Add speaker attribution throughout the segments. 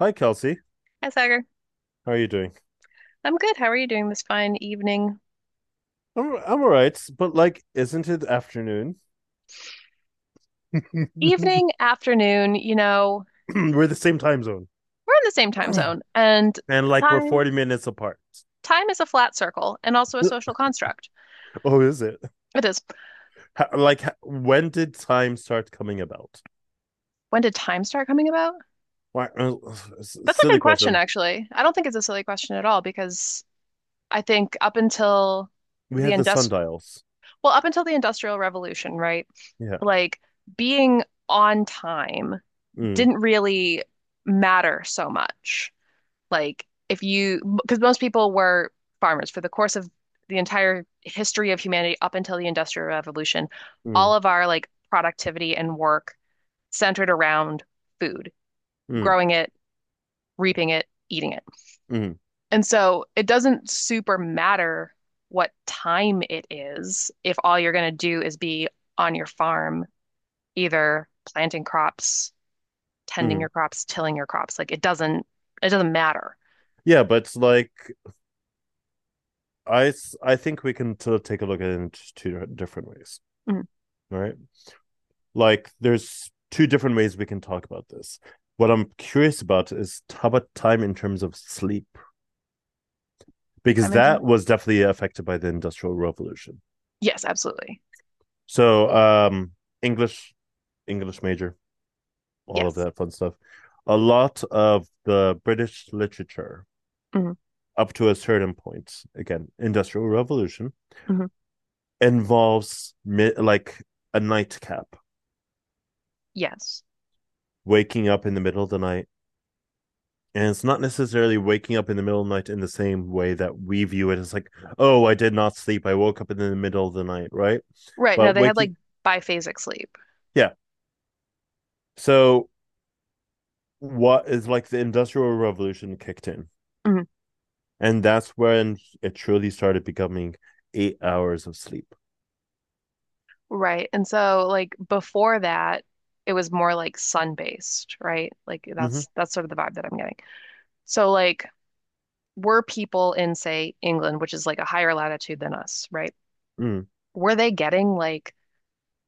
Speaker 1: Hi, Kelsey.
Speaker 2: Hi, Sagar.
Speaker 1: How are you doing?
Speaker 2: I'm good. How are you doing this fine evening?
Speaker 1: I'm all right, but like, isn't it afternoon?
Speaker 2: Evening, afternoon,
Speaker 1: We're the same time zone,
Speaker 2: we're in the same time zone, and
Speaker 1: and like we're
Speaker 2: time
Speaker 1: 40 minutes apart.
Speaker 2: time is a flat circle and also a social construct.
Speaker 1: Oh, is it?
Speaker 2: It is.
Speaker 1: How, like, when did time start coming about?
Speaker 2: When did time start coming about?
Speaker 1: Why? uh,
Speaker 2: That's a
Speaker 1: silly
Speaker 2: good question,
Speaker 1: question.
Speaker 2: actually. I don't think it's a silly question at all because I think up until
Speaker 1: We
Speaker 2: the
Speaker 1: had the
Speaker 2: indust
Speaker 1: sundials.
Speaker 2: well, up until the Industrial Revolution, right?
Speaker 1: Yeah.
Speaker 2: Like being on time
Speaker 1: Mm,
Speaker 2: didn't really matter so much. Like if you, because most people were farmers for the course of the entire history of humanity up until the Industrial Revolution, all
Speaker 1: mm,
Speaker 2: of our like productivity and work centered around food,
Speaker 1: mm,
Speaker 2: growing it, reaping it, eating it.
Speaker 1: mm,
Speaker 2: And so it doesn't super matter what time it is if all you're going to do is be on your farm, either planting crops, tending
Speaker 1: mm.
Speaker 2: your crops, tilling your crops. Like it doesn't matter.
Speaker 1: Yeah, but like, I think we can take a look at it in two different ways.
Speaker 2: Mm,
Speaker 1: Right? Like there's two different ways we can talk about this. What I'm curious about is how about time in terms of sleep? Because
Speaker 2: time and
Speaker 1: that
Speaker 2: time.
Speaker 1: was definitely affected by the Industrial Revolution.
Speaker 2: Yes, absolutely.
Speaker 1: So English, English major, all of
Speaker 2: Yes.
Speaker 1: that fun stuff. A lot of the British literature
Speaker 2: hmm
Speaker 1: up to a certain point, again, Industrial Revolution,
Speaker 2: hmm
Speaker 1: involves like a nightcap,
Speaker 2: Yes.
Speaker 1: waking up in the middle of the night, and it's not necessarily waking up in the middle of the night in the same way that we view it as like, "Oh, I did not sleep, I woke up in the middle of the night," right?
Speaker 2: Right. No,
Speaker 1: But
Speaker 2: they had like
Speaker 1: waking
Speaker 2: biphasic sleep.
Speaker 1: yeah, so what is like the Industrial Revolution kicked in,
Speaker 2: hmm
Speaker 1: and that's when it truly started becoming 8 hours of sleep.
Speaker 2: Right. And so like before that, it was more like sun-based, right? Like
Speaker 1: Hmm.
Speaker 2: that's sort of the vibe that I'm getting. So like were people in, say, England, which is like a higher latitude than us, right?
Speaker 1: Mm.
Speaker 2: Were they getting like,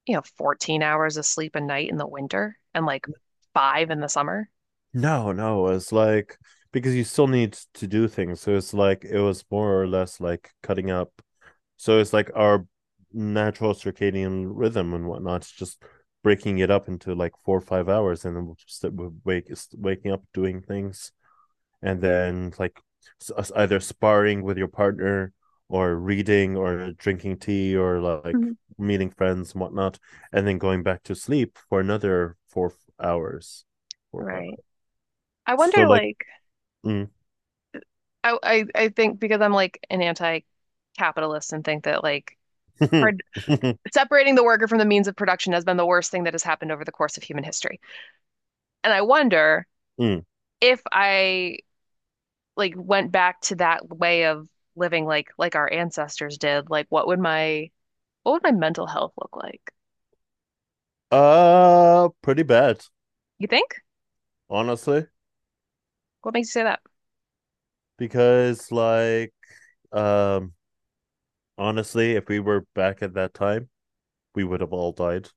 Speaker 2: you know, 14 hours of sleep a night in the winter and like 5 in the summer?
Speaker 1: No, no, it's like because you still need to do things, so it's like it was more or less like cutting up. So it's like our natural circadian rhythm and whatnot. It's just breaking it up into like 4 or 5 hours, and then we'll just wake waking up doing things, and then like either sparring with your partner or reading or drinking tea or like
Speaker 2: hmm
Speaker 1: meeting friends and whatnot, and then going back to sleep for another 4 hours, four or five
Speaker 2: Right.
Speaker 1: hours.
Speaker 2: I
Speaker 1: So
Speaker 2: wonder
Speaker 1: like,
Speaker 2: like
Speaker 1: mm,
Speaker 2: I think because I'm like an anti-capitalist and think that like par separating the worker from the means of production has been the worst thing that has happened over the course of human history. And I wonder
Speaker 1: mm,
Speaker 2: if I like went back to that way of living like our ancestors did, like what would my mental health look like?
Speaker 1: pretty bad,
Speaker 2: You think?
Speaker 1: honestly,
Speaker 2: What makes you say that?
Speaker 1: because like Um, honestly, if we were back at that time, we would have all died.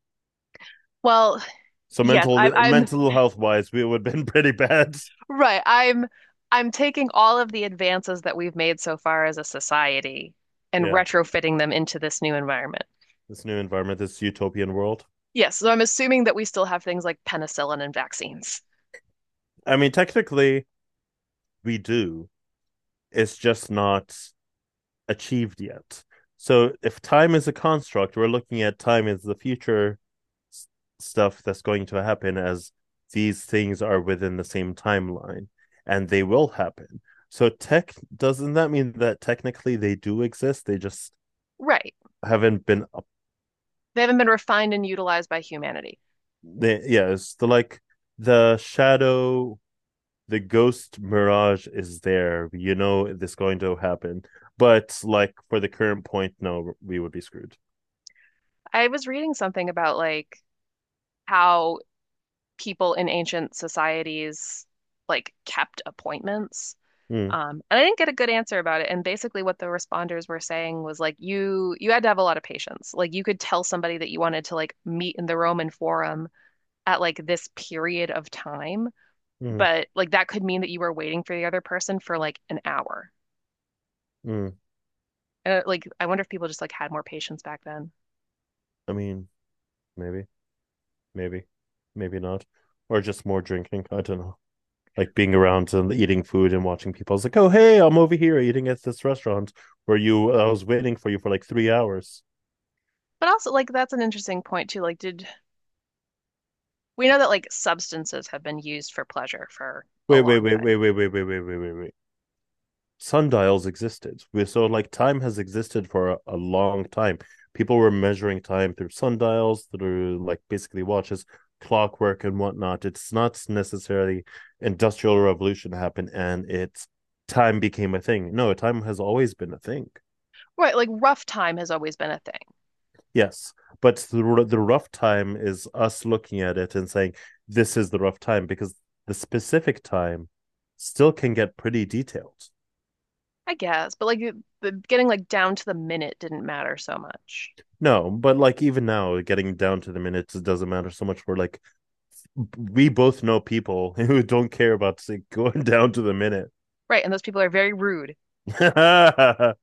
Speaker 2: Well,
Speaker 1: So
Speaker 2: yes,
Speaker 1: mental
Speaker 2: I'm
Speaker 1: mental health wise, we would have been pretty bad.
Speaker 2: right. I'm taking all of the advances that we've made so far as a society and
Speaker 1: Yeah,
Speaker 2: retrofitting them into this new environment.
Speaker 1: this new environment, this utopian world.
Speaker 2: Yes, so I'm assuming that we still have things like penicillin and vaccines.
Speaker 1: I mean, technically, we do. It's just not achieved yet. So if time is a construct, we're looking at time as the future, s- stuff that's going to happen as these things are within the same timeline and they will happen. So tech doesn't that mean that technically they do exist? They just
Speaker 2: Right.
Speaker 1: haven't been up.
Speaker 2: They haven't been refined and utilized by humanity.
Speaker 1: Yeah, it's the shadow, the ghost mirage is there. It's going to happen. But like for the current point, no, we would be screwed.
Speaker 2: I was reading something about like how people in ancient societies like kept appointments.
Speaker 1: Mm,
Speaker 2: And I didn't get a good answer about it. And basically what the responders were saying was like you had to have a lot of patience. Like you could tell somebody that you wanted to like meet in the Roman Forum at like this period of time,
Speaker 1: mm,
Speaker 2: but like that could mean that you were waiting for the other person for like an hour.
Speaker 1: mm.
Speaker 2: And like I wonder if people just like had more patience back then.
Speaker 1: I mean, maybe, maybe, maybe not, or just more drinking. I don't know. Like being around and eating food and watching people. It's like, "Oh, hey, I'm over here eating at this restaurant where you. I was waiting for you for like 3 hours."
Speaker 2: But also like that's an interesting point too. Like did we know that like substances have been used for pleasure for a
Speaker 1: Wait, wait,
Speaker 2: long
Speaker 1: wait,
Speaker 2: time.
Speaker 1: wait, wait, wait, wait, wait, wait, wait, wait. Sundials existed. We so like time has existed for a long time. People were measuring time through sundials, through like basically watches, clockwork, and whatnot. It's not necessarily industrial revolution happened and it's time became a thing. No, time has always been a thing.
Speaker 2: Right, like rough time has always been a thing,
Speaker 1: Yes, but the rough time is us looking at it and saying this is the rough time because the specific time still can get pretty detailed.
Speaker 2: I guess, but like getting like down to the minute didn't matter so much.
Speaker 1: No, but like even now, getting down to the minutes, it doesn't matter so much. We're like, we both know people who don't care about going down to the minute.
Speaker 2: Right, and those people are very rude.
Speaker 1: Oh,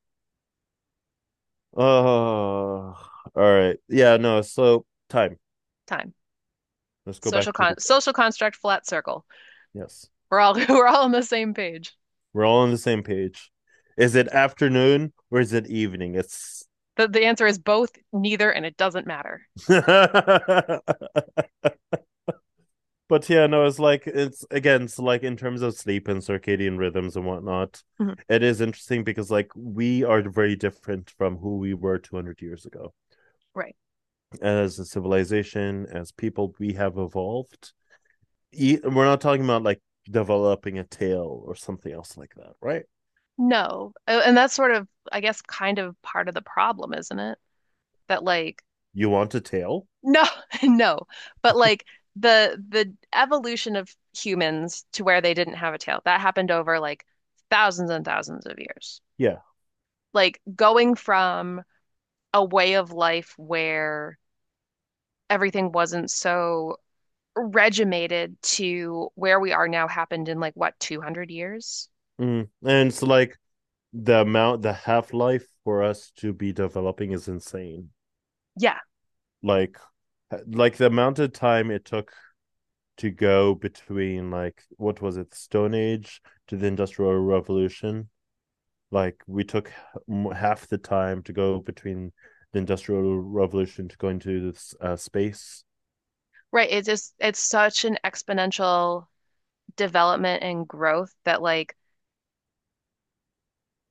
Speaker 1: all right. Yeah, no. So time.
Speaker 2: Time.
Speaker 1: Let's go back to the time.
Speaker 2: Social construct flat circle.
Speaker 1: Yes,
Speaker 2: We're all we're all on the same page.
Speaker 1: we're all on the same page. Is it afternoon or is it evening? It's.
Speaker 2: The answer is both, neither, and it doesn't matter.
Speaker 1: But yeah, no, it's like it's again, it's like in terms of sleep and circadian rhythms and whatnot,
Speaker 2: Mhm.
Speaker 1: it is interesting because like we are very different from who we were 200 years ago.
Speaker 2: Right.
Speaker 1: As a civilization, as people, we have evolved. We're not talking about like developing a tail or something else like that, right?
Speaker 2: No. And that's sort of, I guess, kind of part of the problem, isn't it? That like
Speaker 1: You want a tail?
Speaker 2: no, no. But like the evolution of humans to where they didn't have a tail, that happened over like thousands and thousands of years.
Speaker 1: Yeah.
Speaker 2: Like going from a way of life where everything wasn't so regimented to where we are now happened in like what, 200 years?
Speaker 1: Mm. And it's like the amount, the half life for us to be developing is insane.
Speaker 2: Yeah,
Speaker 1: Like, like the amount of time it took to go between like what was it, the Stone Age to the Industrial Revolution. Like we took half the time to go between the Industrial Revolution to going to this space.
Speaker 2: right. It's just it's such an exponential development and growth that like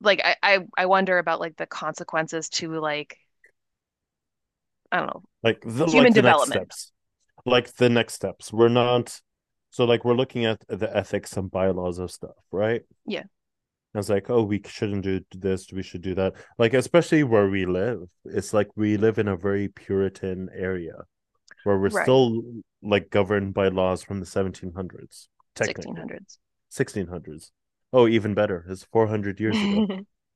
Speaker 2: I wonder about like the consequences to like I don't know,
Speaker 1: Like the
Speaker 2: human
Speaker 1: like the next
Speaker 2: development.
Speaker 1: steps. Like the next steps. We're not so like we're looking at the ethics and bylaws of stuff, right?
Speaker 2: Yeah,
Speaker 1: And it's like, oh, we shouldn't do this, we should do that. Like, especially where we live, it's like we live in a very Puritan area where we're
Speaker 2: right.
Speaker 1: still like governed by laws from the 1700s, technically
Speaker 2: 1600s.
Speaker 1: 1600s. Oh, even better, it's 400 years ago,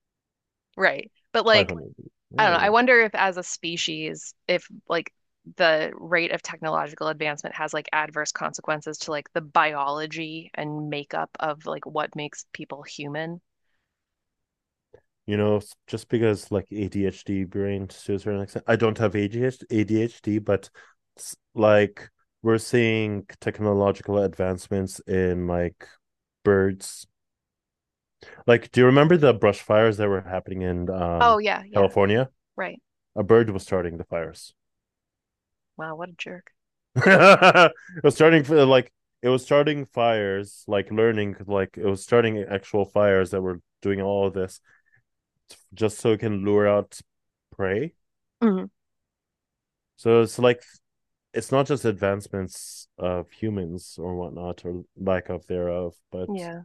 Speaker 2: Right. But like,
Speaker 1: 500.
Speaker 2: I don't know.
Speaker 1: Yeah.
Speaker 2: I wonder if as a species, if like the rate of technological advancement has like adverse consequences to like the biology and makeup of like what makes people human.
Speaker 1: You know, just because like ADHD brain to a certain extent, I don't have ADHD, but like we're seeing technological advancements in like birds. Like, do you remember the brush fires that were happening in
Speaker 2: Oh, yeah, yeah,
Speaker 1: California?
Speaker 2: right.
Speaker 1: A bird was starting the fires.
Speaker 2: Wow, what a jerk.
Speaker 1: it was starting for like it was starting fires, like learning, like it was starting actual fires that were doing all of this just so it can lure out prey.
Speaker 2: Mhm.
Speaker 1: So it's like it's not just advancements of humans or whatnot or lack of thereof, but
Speaker 2: Yeah.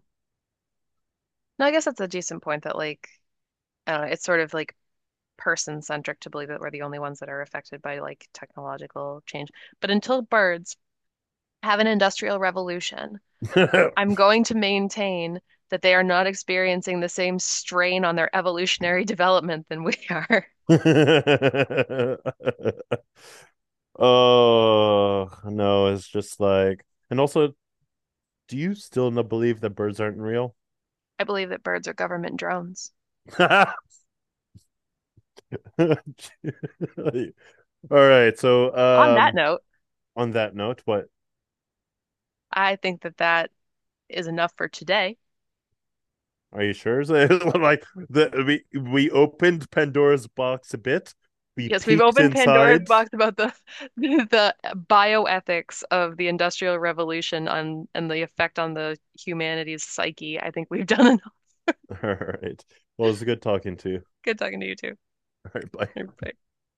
Speaker 2: No, I guess that's a decent point that like, I don't know, it's sort of like person-centric to believe that we're the only ones that are affected by like technological change. But until birds have an industrial revolution, I'm going to maintain that they are not experiencing the same strain on their evolutionary development than we are.
Speaker 1: oh, no, it's just like and also, do you still not believe that birds aren't real?
Speaker 2: I believe that birds are government drones.
Speaker 1: All right, so
Speaker 2: On that note,
Speaker 1: on that note, what?
Speaker 2: I think that is enough for today.
Speaker 1: Are you sure? Like the we opened Pandora's box a bit. We
Speaker 2: Yes, we've
Speaker 1: peeked
Speaker 2: opened Pandora's
Speaker 1: inside.
Speaker 2: box about the the bioethics of the Industrial Revolution on and the effect on the humanity's psyche. I think we've done enough.
Speaker 1: All right. Well, it was good talking to you.
Speaker 2: Good talking to you too.
Speaker 1: All right, bye.
Speaker 2: Bye.